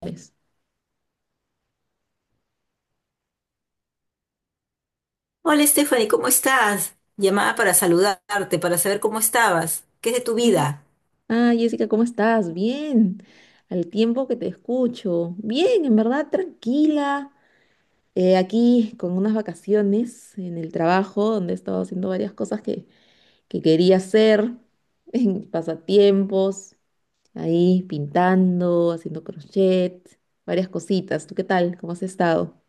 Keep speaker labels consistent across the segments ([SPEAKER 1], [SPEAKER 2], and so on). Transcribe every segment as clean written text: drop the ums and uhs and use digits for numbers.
[SPEAKER 1] Pues.
[SPEAKER 2] Hola Stephanie, ¿cómo estás? Llamada para saludarte, para saber cómo estabas. ¿Qué es de tu vida?
[SPEAKER 1] Ah, Jessica, ¿cómo estás? Bien, al tiempo que te escucho. Bien, en verdad, tranquila. Aquí con unas vacaciones en el trabajo, donde he estado haciendo varias cosas que quería hacer, en pasatiempos, ahí pintando, haciendo crochet, varias cositas. ¿Tú qué tal? ¿Cómo has estado?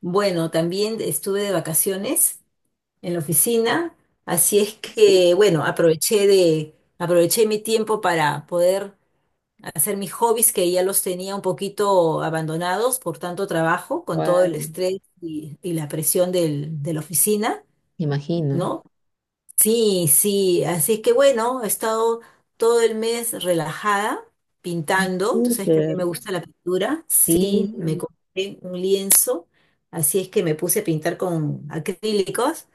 [SPEAKER 2] Bueno, también estuve de vacaciones en la oficina, así es
[SPEAKER 1] Sí.
[SPEAKER 2] que, bueno, aproveché mi tiempo para poder hacer mis hobbies que ya los tenía un poquito abandonados por tanto trabajo, con todo el
[SPEAKER 1] Igual,
[SPEAKER 2] estrés y, y la presión de la oficina,
[SPEAKER 1] me imagino.
[SPEAKER 2] ¿no? Sí, sí, así es que bueno, he estado todo el mes relajada,
[SPEAKER 1] Ay,
[SPEAKER 2] pintando, tú sabes que a mí
[SPEAKER 1] súper.
[SPEAKER 2] me gusta la pintura,
[SPEAKER 1] Sí,
[SPEAKER 2] sí, me compré un lienzo, así es que me puse a pintar con acrílicos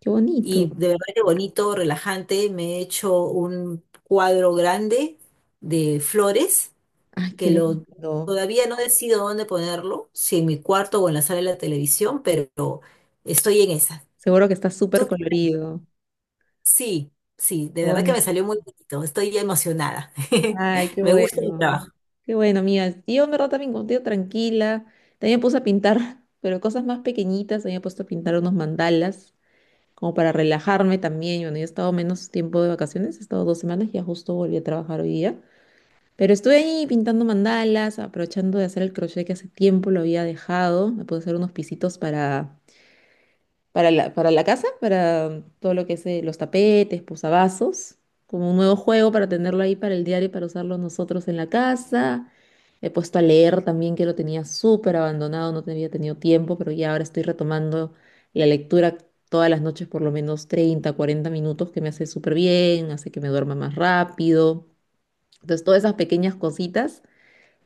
[SPEAKER 1] qué bonito.
[SPEAKER 2] y de verdad que bonito, relajante, me he hecho un cuadro grande de flores
[SPEAKER 1] Ay, qué
[SPEAKER 2] que lo
[SPEAKER 1] lindo.
[SPEAKER 2] todavía no decido dónde ponerlo, si en mi cuarto o en la sala de la televisión, pero estoy en esa.
[SPEAKER 1] Seguro que está súper
[SPEAKER 2] Tú
[SPEAKER 1] colorido.
[SPEAKER 2] Sí, sí, de
[SPEAKER 1] Qué
[SPEAKER 2] verdad que me
[SPEAKER 1] bonito.
[SPEAKER 2] salió muy bonito, estoy emocionada.
[SPEAKER 1] Ay, qué
[SPEAKER 2] Me gusta mi
[SPEAKER 1] bueno.
[SPEAKER 2] trabajo.
[SPEAKER 1] Qué bueno, amiga. Yo en verdad también contigo tranquila. También me puse a pintar, pero cosas más pequeñitas. También me he puesto a pintar unos mandalas, como para relajarme también. Bueno, yo he estado menos tiempo de vacaciones, he estado 2 semanas, ya justo volví a trabajar hoy día. Pero estuve ahí pintando mandalas, aprovechando de hacer el crochet que hace tiempo lo había dejado. Me puse a hacer unos pisitos para la casa, para todo lo que es los tapetes, posavasos, como un nuevo juego para tenerlo ahí para el diario, para usarlo nosotros en la casa. He puesto a leer también, que lo tenía súper abandonado, no había tenido tiempo, pero ya ahora estoy retomando la lectura todas las noches, por lo menos 30-40 minutos, que me hace súper bien, hace que me duerma más rápido. Entonces, todas esas pequeñas cositas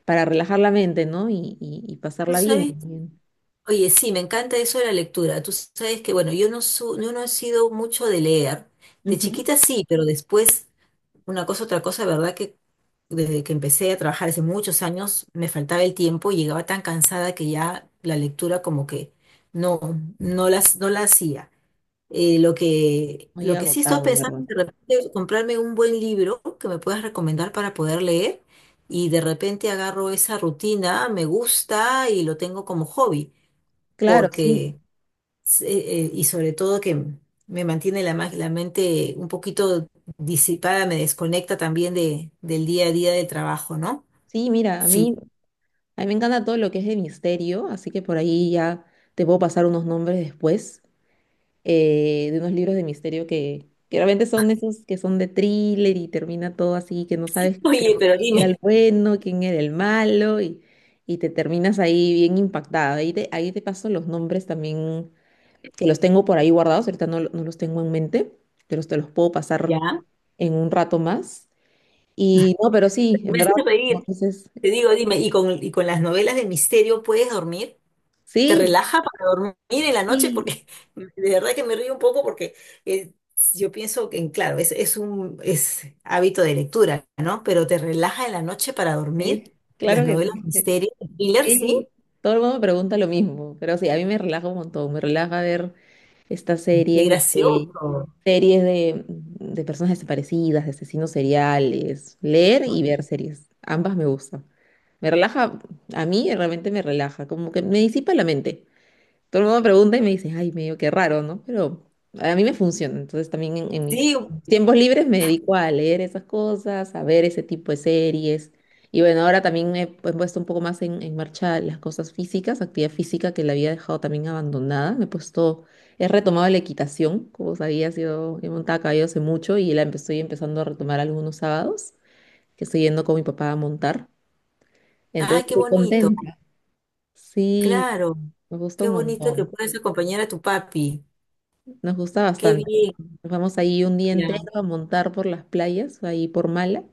[SPEAKER 1] para relajar la mente, ¿no? Y
[SPEAKER 2] ¿Tú
[SPEAKER 1] pasarla bien
[SPEAKER 2] sabes?
[SPEAKER 1] también.
[SPEAKER 2] Oye, sí, me encanta eso de la lectura. Tú sabes que, bueno, yo no he sido mucho de leer. De
[SPEAKER 1] Ujú.
[SPEAKER 2] chiquita sí, pero después, una cosa, otra cosa, verdad que desde que empecé a trabajar hace muchos años, me faltaba el tiempo y llegaba tan cansada que ya la lectura como que no, no la hacía.
[SPEAKER 1] Muy
[SPEAKER 2] Lo que sí estoy
[SPEAKER 1] agotado, en
[SPEAKER 2] pensando
[SPEAKER 1] verdad.
[SPEAKER 2] es de repente comprarme un buen libro que me puedas recomendar para poder leer y de repente agarro esa rutina, me gusta y lo tengo como hobby,
[SPEAKER 1] Claro, sí.
[SPEAKER 2] porque, y sobre todo que me mantiene la mente un poquito disipada, me desconecta también de, del día a día del trabajo, ¿no?
[SPEAKER 1] Sí, mira, a mí,
[SPEAKER 2] Sí.
[SPEAKER 1] a mí me encanta todo lo que es de misterio, así que por ahí ya te puedo pasar unos nombres después de unos libros de misterio que realmente son esos que son de thriller y termina todo así, que no sabes
[SPEAKER 2] Oye, pero
[SPEAKER 1] quién era el
[SPEAKER 2] dime,
[SPEAKER 1] bueno, quién era el malo y te terminas ahí bien impactada. Ahí te paso los nombres también, que los tengo por ahí guardados, ahorita no, no los tengo en mente, pero te los puedo
[SPEAKER 2] ¿ya?
[SPEAKER 1] pasar en un rato más. Y no, pero sí, en
[SPEAKER 2] Me
[SPEAKER 1] verdad,
[SPEAKER 2] haces
[SPEAKER 1] como
[SPEAKER 2] reír.
[SPEAKER 1] dices,
[SPEAKER 2] Te digo, dime, ¿ y con las novelas de misterio puedes dormir? Te
[SPEAKER 1] sí,
[SPEAKER 2] relaja para dormir en la noche
[SPEAKER 1] sí,
[SPEAKER 2] porque de verdad que me río un poco porque eh, yo pienso que, claro, es hábito de lectura, ¿no? Pero te relaja en la noche para dormir.
[SPEAKER 1] sí,
[SPEAKER 2] Las
[SPEAKER 1] claro que
[SPEAKER 2] novelas de
[SPEAKER 1] sí.
[SPEAKER 2] misterio, de thriller, sí,
[SPEAKER 1] Sí, todo el mundo me pregunta lo mismo, pero sí, a mí me relaja un montón, me relaja ver estas
[SPEAKER 2] qué
[SPEAKER 1] series de,
[SPEAKER 2] gracioso.
[SPEAKER 1] series de, de personas desaparecidas, de asesinos seriales, leer y ver series, ambas me gustan. Me relaja, a mí realmente me relaja, como que me disipa la mente. Todo el mundo me pregunta y me dice, ay, medio que raro, ¿no? Pero a mí me funciona. Entonces también en, mis
[SPEAKER 2] Sí,
[SPEAKER 1] tiempos libres me dedico a leer esas cosas, a ver ese tipo de series. Y bueno, ahora también he puesto un poco más en marcha las cosas físicas, actividad física que la había dejado también abandonada. Me he puesto, he retomado la equitación, como sabías, yo he montado a caballo hace mucho y estoy empezando a retomar algunos sábados, que estoy yendo con mi papá a montar.
[SPEAKER 2] ay,
[SPEAKER 1] Entonces
[SPEAKER 2] qué
[SPEAKER 1] estoy
[SPEAKER 2] bonito,
[SPEAKER 1] contenta. Sí,
[SPEAKER 2] claro,
[SPEAKER 1] me gusta
[SPEAKER 2] qué
[SPEAKER 1] un
[SPEAKER 2] bonito que
[SPEAKER 1] montón,
[SPEAKER 2] puedes acompañar a tu papi.
[SPEAKER 1] nos gusta
[SPEAKER 2] Qué
[SPEAKER 1] bastante.
[SPEAKER 2] bien,
[SPEAKER 1] Nos vamos ahí un día entero
[SPEAKER 2] ya.
[SPEAKER 1] a montar por las playas, ahí por Mala,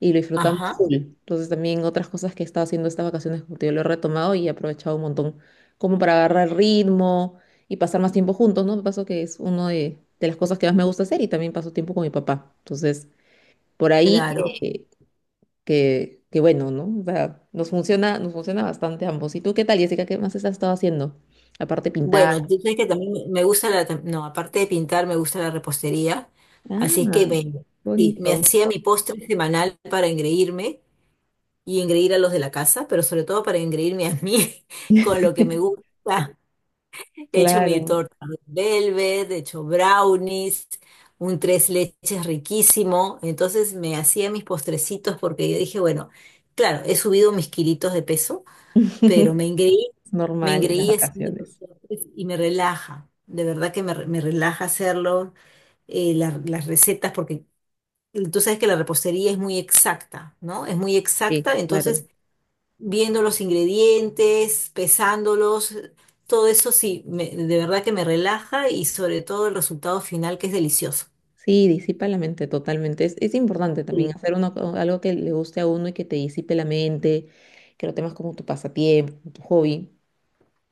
[SPEAKER 1] y lo disfrutamos
[SPEAKER 2] Ajá,
[SPEAKER 1] full. Entonces también otras cosas que he estado haciendo estas vacaciones, como te digo, lo he retomado y he aprovechado un montón como para agarrar ritmo y pasar más tiempo juntos, ¿no? Me pasó que es una de las cosas que más me gusta hacer y también paso tiempo con mi papá. Entonces, por ahí
[SPEAKER 2] claro.
[SPEAKER 1] que bueno, ¿no? O sea, nos funciona bastante ambos. ¿Y tú qué tal, Jessica? ¿Qué más has estado haciendo? Aparte pintar.
[SPEAKER 2] Bueno, tú sabes que también no, aparte de pintar, me gusta la repostería.
[SPEAKER 1] Ah,
[SPEAKER 2] Así es que
[SPEAKER 1] qué
[SPEAKER 2] sí, me
[SPEAKER 1] bonito.
[SPEAKER 2] hacía mi postre semanal para engreírme y engreír a los de la casa, pero sobre todo para engreírme a mí con lo que me gusta. He hecho mi
[SPEAKER 1] Claro.
[SPEAKER 2] torta de velvet, he hecho brownies, un tres leches riquísimo. Entonces me hacía mis postrecitos porque yo dije, bueno, claro, he subido mis kilitos de peso pero
[SPEAKER 1] Es
[SPEAKER 2] me
[SPEAKER 1] normal en las
[SPEAKER 2] engreí haciendo los
[SPEAKER 1] vacaciones.
[SPEAKER 2] postres y me relaja, de verdad que me relaja hacerlo, las recetas, porque tú sabes que la repostería es muy exacta, ¿no? Es muy
[SPEAKER 1] Sí,
[SPEAKER 2] exacta,
[SPEAKER 1] claro.
[SPEAKER 2] entonces viendo los ingredientes, pesándolos, todo eso sí, de verdad que me relaja y sobre todo el resultado final que es delicioso.
[SPEAKER 1] Sí, disipa la mente totalmente. Es importante también
[SPEAKER 2] Sí.
[SPEAKER 1] hacer uno, algo que le guste a uno y que te disipe la mente, que lo temas como tu pasatiempo, como tu hobby.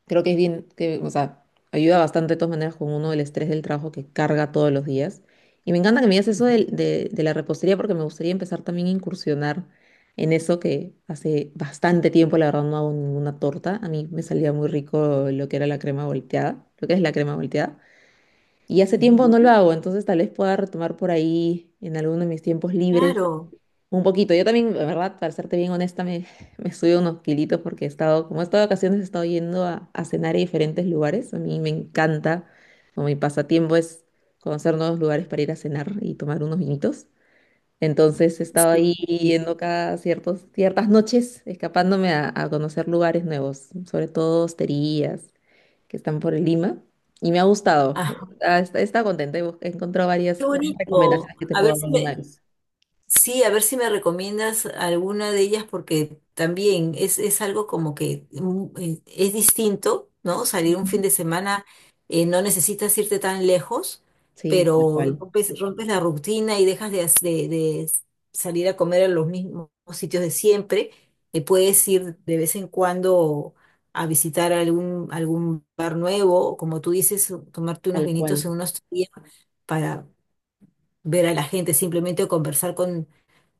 [SPEAKER 1] Creo que es bien, que, o sea, ayuda bastante de todas maneras con uno el estrés del trabajo que carga todos los días. Y me encanta que me digas eso de la repostería porque me gustaría empezar también a incursionar en eso que hace bastante tiempo, la verdad, no hago ninguna torta. A mí me salía muy rico lo que era la crema volteada, lo que es la crema volteada. Y hace tiempo
[SPEAKER 2] Ujú.
[SPEAKER 1] no lo hago, entonces tal vez pueda retomar por ahí en alguno de mis tiempos libres
[SPEAKER 2] Claro,
[SPEAKER 1] un poquito. Yo también, la verdad, para serte bien honesta, me, me subí unos kilitos porque he estado, como he estado de vacaciones, he estado yendo a, cenar a diferentes lugares. A mí me encanta, como mi pasatiempo es conocer nuevos lugares para ir a cenar y tomar unos vinitos. Entonces he estado ahí
[SPEAKER 2] sí, sí.
[SPEAKER 1] yendo cada ciertos, ciertas noches, escapándome a conocer lugares nuevos, sobre todo hosterías que están por Lima, y me ha gustado.
[SPEAKER 2] Ajá.
[SPEAKER 1] Ah, está contenta, he encontrado
[SPEAKER 2] Qué
[SPEAKER 1] varias
[SPEAKER 2] bonito.
[SPEAKER 1] recomendaciones que te
[SPEAKER 2] A
[SPEAKER 1] puedo
[SPEAKER 2] ver
[SPEAKER 1] dar
[SPEAKER 2] si
[SPEAKER 1] alguna
[SPEAKER 2] me,
[SPEAKER 1] vez.
[SPEAKER 2] Sí, a ver si me recomiendas alguna de ellas porque también es algo como que es distinto, ¿no? Salir un fin
[SPEAKER 1] Ujú.
[SPEAKER 2] de semana, no necesitas irte tan lejos,
[SPEAKER 1] Sí, tal
[SPEAKER 2] pero
[SPEAKER 1] cual,
[SPEAKER 2] rompes, rompes la rutina y dejas de salir a comer a los mismos sitios de siempre. Puedes ir de vez en cuando a visitar algún, algún bar nuevo, o como tú dices, tomarte unos
[SPEAKER 1] tal
[SPEAKER 2] vinitos
[SPEAKER 1] cual.
[SPEAKER 2] en unos días ver a la gente, simplemente o conversar con,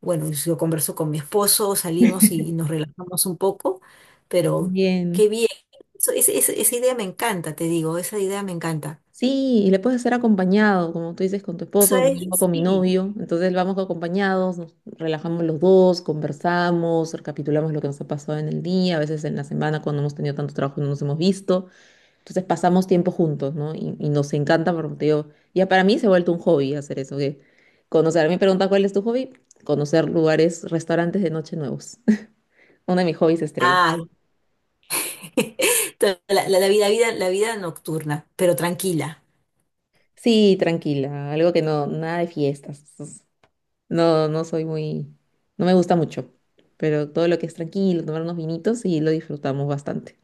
[SPEAKER 2] bueno, yo converso con mi esposo, salimos y nos relajamos un poco, pero
[SPEAKER 1] Bien.
[SPEAKER 2] qué bien. Esa idea me encanta, te digo, esa idea me encanta.
[SPEAKER 1] Sí, y le puedes hacer acompañado, como tú dices, con tu esposo, con mi hijo,
[SPEAKER 2] ¿Sabes?
[SPEAKER 1] con mi
[SPEAKER 2] Sí.
[SPEAKER 1] novio. Entonces vamos acompañados, nos relajamos los dos, conversamos, recapitulamos lo que nos ha pasado en el día, a veces en la semana cuando hemos tenido tanto trabajo y no nos hemos visto. Entonces pasamos tiempo juntos, ¿no? Y nos encanta, porque te digo, ya para mí se ha vuelto un hobby hacer eso, que conocer. Me pregunta cuál es tu hobby, conocer lugares, restaurantes de noche nuevos. Uno de mis hobbies estrella.
[SPEAKER 2] Ay, la vida, la vida, la vida nocturna, pero tranquila,
[SPEAKER 1] Sí, tranquila, algo que no, nada de fiestas. Entonces, no, no soy muy, no me gusta mucho, pero todo lo que es tranquilo, tomar unos vinitos y lo disfrutamos bastante.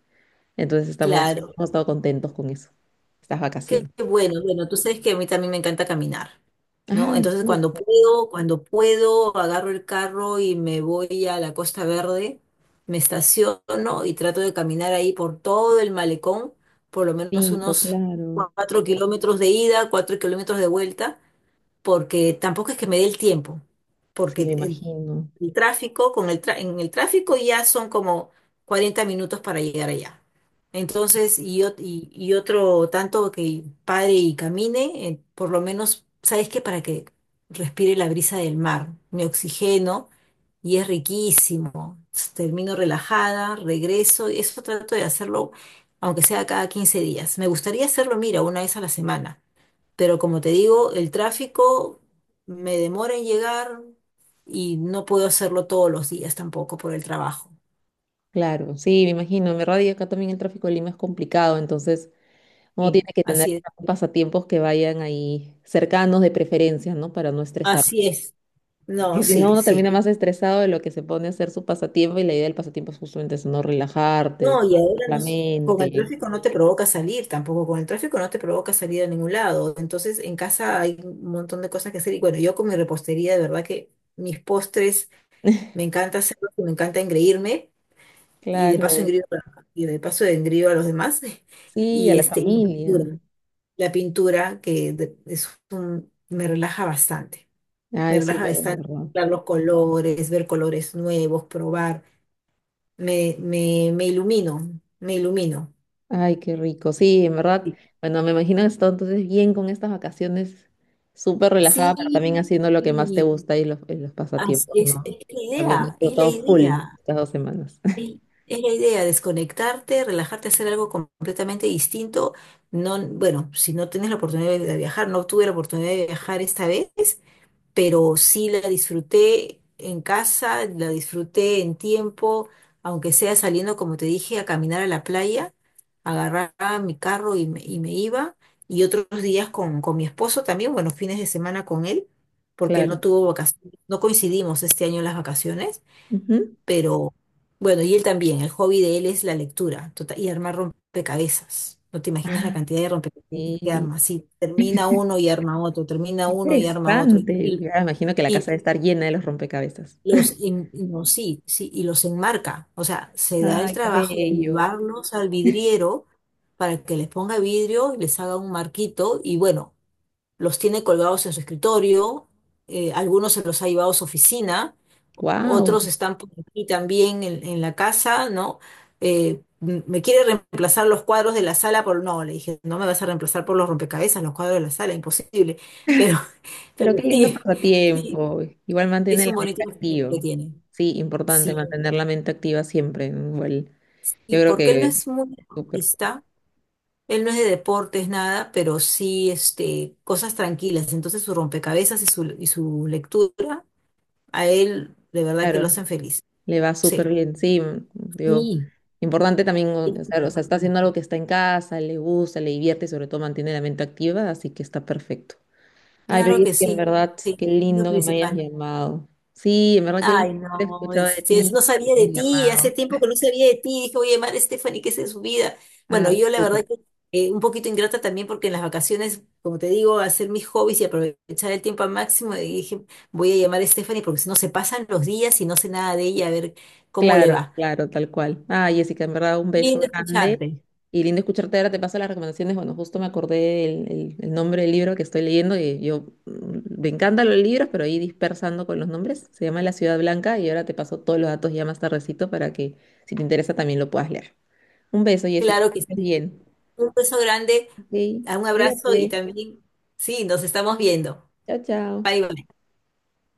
[SPEAKER 1] Entonces estamos,
[SPEAKER 2] claro.
[SPEAKER 1] hemos estado contentos con eso, estas
[SPEAKER 2] Qué
[SPEAKER 1] vacaciones.
[SPEAKER 2] bueno, bueno, tú sabes que a mí también me encanta caminar, ¿no?
[SPEAKER 1] Ah,
[SPEAKER 2] Entonces
[SPEAKER 1] súper
[SPEAKER 2] cuando puedo, agarro el carro y me voy a la Costa Verde, me estaciono y trato de caminar ahí por todo el malecón, por lo menos
[SPEAKER 1] rico,
[SPEAKER 2] unos
[SPEAKER 1] claro.
[SPEAKER 2] 4 kilómetros de ida, 4 kilómetros de vuelta, porque tampoco es que me dé el tiempo, porque
[SPEAKER 1] Sí, me imagino.
[SPEAKER 2] el tráfico, en el tráfico ya son como 40 minutos para llegar allá. Entonces, y otro tanto que pare y camine, por lo menos, ¿sabes qué? Para que respire la brisa del mar, me oxigeno y es riquísimo. Termino relajada, regreso, y eso trato de hacerlo, aunque sea cada 15 días. Me gustaría hacerlo, mira, una vez a la semana. Pero como te digo, el tráfico me demora en llegar y no puedo hacerlo todos los días tampoco por el trabajo.
[SPEAKER 1] Claro, sí, me imagino. En verdad, y acá también el tráfico de Lima es complicado, entonces uno tiene
[SPEAKER 2] Sí,
[SPEAKER 1] que tener
[SPEAKER 2] así es.
[SPEAKER 1] pasatiempos que vayan ahí cercanos de preferencia, ¿no? Para no estresarse.
[SPEAKER 2] Así es. No,
[SPEAKER 1] Porque si no,
[SPEAKER 2] sí,
[SPEAKER 1] uno termina
[SPEAKER 2] sí.
[SPEAKER 1] más estresado de lo que se pone a hacer su pasatiempo y la idea del pasatiempo es justamente eso, no relajarte,
[SPEAKER 2] No, y
[SPEAKER 1] disfrutar
[SPEAKER 2] ahora
[SPEAKER 1] la
[SPEAKER 2] con el
[SPEAKER 1] mente.
[SPEAKER 2] tráfico no te provoca salir tampoco, con el tráfico no te provoca salir a ningún lado. Entonces, en casa hay un montón de cosas que hacer. Y bueno, yo con mi repostería, de verdad que mis postres me encanta hacerlos y me encanta engreírme. Y de paso
[SPEAKER 1] Claro,
[SPEAKER 2] engrío, y de paso engrío a los demás.
[SPEAKER 1] sí, a
[SPEAKER 2] Y
[SPEAKER 1] la
[SPEAKER 2] este, y la
[SPEAKER 1] familia.
[SPEAKER 2] pintura. La pintura, es un, me relaja bastante.
[SPEAKER 1] Ay,
[SPEAKER 2] Me relaja
[SPEAKER 1] súper, en
[SPEAKER 2] bastante
[SPEAKER 1] verdad.
[SPEAKER 2] ver los colores, ver colores nuevos, probar. Me ilumino, me ilumino.
[SPEAKER 1] Ay, qué rico. Sí, en verdad.
[SPEAKER 2] Sí,
[SPEAKER 1] Bueno, me imagino que has estado entonces bien con estas vacaciones, súper
[SPEAKER 2] sí,
[SPEAKER 1] relajada, pero también haciendo lo que más te
[SPEAKER 2] y
[SPEAKER 1] gusta y los pasatiempos,
[SPEAKER 2] es
[SPEAKER 1] ¿no?
[SPEAKER 2] la
[SPEAKER 1] También he
[SPEAKER 2] idea, es la
[SPEAKER 1] disfrutado full
[SPEAKER 2] idea.
[SPEAKER 1] estas 2 semanas.
[SPEAKER 2] Es, es la idea, desconectarte, relajarte, hacer algo completamente distinto. No, bueno, si no tienes la oportunidad de viajar, no tuve la oportunidad de viajar esta vez, pero sí la disfruté en casa, la disfruté en tiempo, aunque sea saliendo, como te dije, a caminar a la playa, agarraba mi carro y me iba, y otros días con mi esposo también, bueno, fines de semana con él, porque él no
[SPEAKER 1] Claro.
[SPEAKER 2] tuvo vacaciones, no coincidimos este año en las vacaciones,
[SPEAKER 1] Ujú.
[SPEAKER 2] pero bueno, y él también, el hobby de él es y armar rompecabezas. No te imaginas la
[SPEAKER 1] Ah,
[SPEAKER 2] cantidad de rompecabezas que
[SPEAKER 1] sí.
[SPEAKER 2] arma. Si termina uno y arma otro, termina uno y arma otro.
[SPEAKER 1] Interesante. Ya me imagino que la
[SPEAKER 2] Y
[SPEAKER 1] casa debe estar llena de los rompecabezas.
[SPEAKER 2] no, sí, sí, y los enmarca. O sea, se da el
[SPEAKER 1] Ay, qué
[SPEAKER 2] trabajo de
[SPEAKER 1] bello.
[SPEAKER 2] llevarlos al vidriero para que les ponga vidrio y les haga un marquito. Y bueno, los tiene colgados en su escritorio. Eh, algunos se los ha llevado a su oficina. Otros
[SPEAKER 1] Wow.
[SPEAKER 2] están por aquí también en la casa, ¿no? Me quiere reemplazar los cuadros de la sala por... No, le dije, no me vas a reemplazar por los rompecabezas, los cuadros de la sala, imposible. Pero, pero
[SPEAKER 1] Pero qué lindo
[SPEAKER 2] sí, sí,
[SPEAKER 1] pasatiempo. Igual
[SPEAKER 2] es
[SPEAKER 1] mantiene la
[SPEAKER 2] un bonito
[SPEAKER 1] mente
[SPEAKER 2] pasatiempo
[SPEAKER 1] activa.
[SPEAKER 2] que tiene.
[SPEAKER 1] Sí, importante
[SPEAKER 2] Sí.
[SPEAKER 1] mantener la mente activa siempre. ¿No? Igual,
[SPEAKER 2] Y
[SPEAKER 1] yo creo
[SPEAKER 2] porque él no
[SPEAKER 1] que
[SPEAKER 2] es muy
[SPEAKER 1] súper.
[SPEAKER 2] deportista, él no es de deportes, nada, pero sí este, cosas tranquilas. Entonces su rompecabezas y su lectura, a él de verdad que lo
[SPEAKER 1] Claro,
[SPEAKER 2] hacen feliz.
[SPEAKER 1] le va súper
[SPEAKER 2] Sí.
[SPEAKER 1] bien, sí, digo,
[SPEAKER 2] Sí.
[SPEAKER 1] importante también, o sea, está haciendo algo que está en casa, le gusta, le divierte y sobre todo mantiene la mente activa, así que está perfecto. Ay, pero
[SPEAKER 2] Claro
[SPEAKER 1] es
[SPEAKER 2] que
[SPEAKER 1] que en
[SPEAKER 2] sí.
[SPEAKER 1] verdad,
[SPEAKER 2] Sí,
[SPEAKER 1] qué
[SPEAKER 2] es lo
[SPEAKER 1] lindo que me hayas
[SPEAKER 2] principal.
[SPEAKER 1] llamado. Sí, en verdad, qué lindo
[SPEAKER 2] Ay,
[SPEAKER 1] haber escuchado de
[SPEAKER 2] es, si es-
[SPEAKER 1] ti,
[SPEAKER 2] no
[SPEAKER 1] que
[SPEAKER 2] sabía
[SPEAKER 1] me
[SPEAKER 2] de
[SPEAKER 1] hayas
[SPEAKER 2] ti, hace
[SPEAKER 1] llamado.
[SPEAKER 2] tiempo que no sabía de ti, dije, oye, Mar Stephanie, ¿qué es de su vida? Bueno,
[SPEAKER 1] Ah,
[SPEAKER 2] yo la verdad
[SPEAKER 1] súper.
[SPEAKER 2] que un poquito ingrata también porque en las vacaciones, como te digo, hacer mis hobbies y aprovechar el tiempo al máximo, y dije, voy a llamar a Stephanie porque si no se pasan los días y no sé nada de ella, a ver cómo le
[SPEAKER 1] Claro,
[SPEAKER 2] va.
[SPEAKER 1] claro, tal cual. Ah, Jessica, en verdad, un beso
[SPEAKER 2] Lindo
[SPEAKER 1] grande
[SPEAKER 2] escucharte,
[SPEAKER 1] y lindo escucharte. Ahora te paso las recomendaciones. Bueno, justo me acordé el, el nombre del libro que estoy leyendo y yo me encantan los libros, pero ahí dispersando con los nombres. Se llama La Ciudad Blanca y ahora te paso todos los datos ya más tardecito para que si te interesa también lo puedas leer. Un beso, Jessica.
[SPEAKER 2] claro
[SPEAKER 1] Que
[SPEAKER 2] que
[SPEAKER 1] estés
[SPEAKER 2] sí.
[SPEAKER 1] bien.
[SPEAKER 2] Un beso grande,
[SPEAKER 1] Sí.
[SPEAKER 2] un abrazo y
[SPEAKER 1] Cuídate.
[SPEAKER 2] también, sí, nos estamos viendo.
[SPEAKER 1] Chao, chao.
[SPEAKER 2] Bye, bye.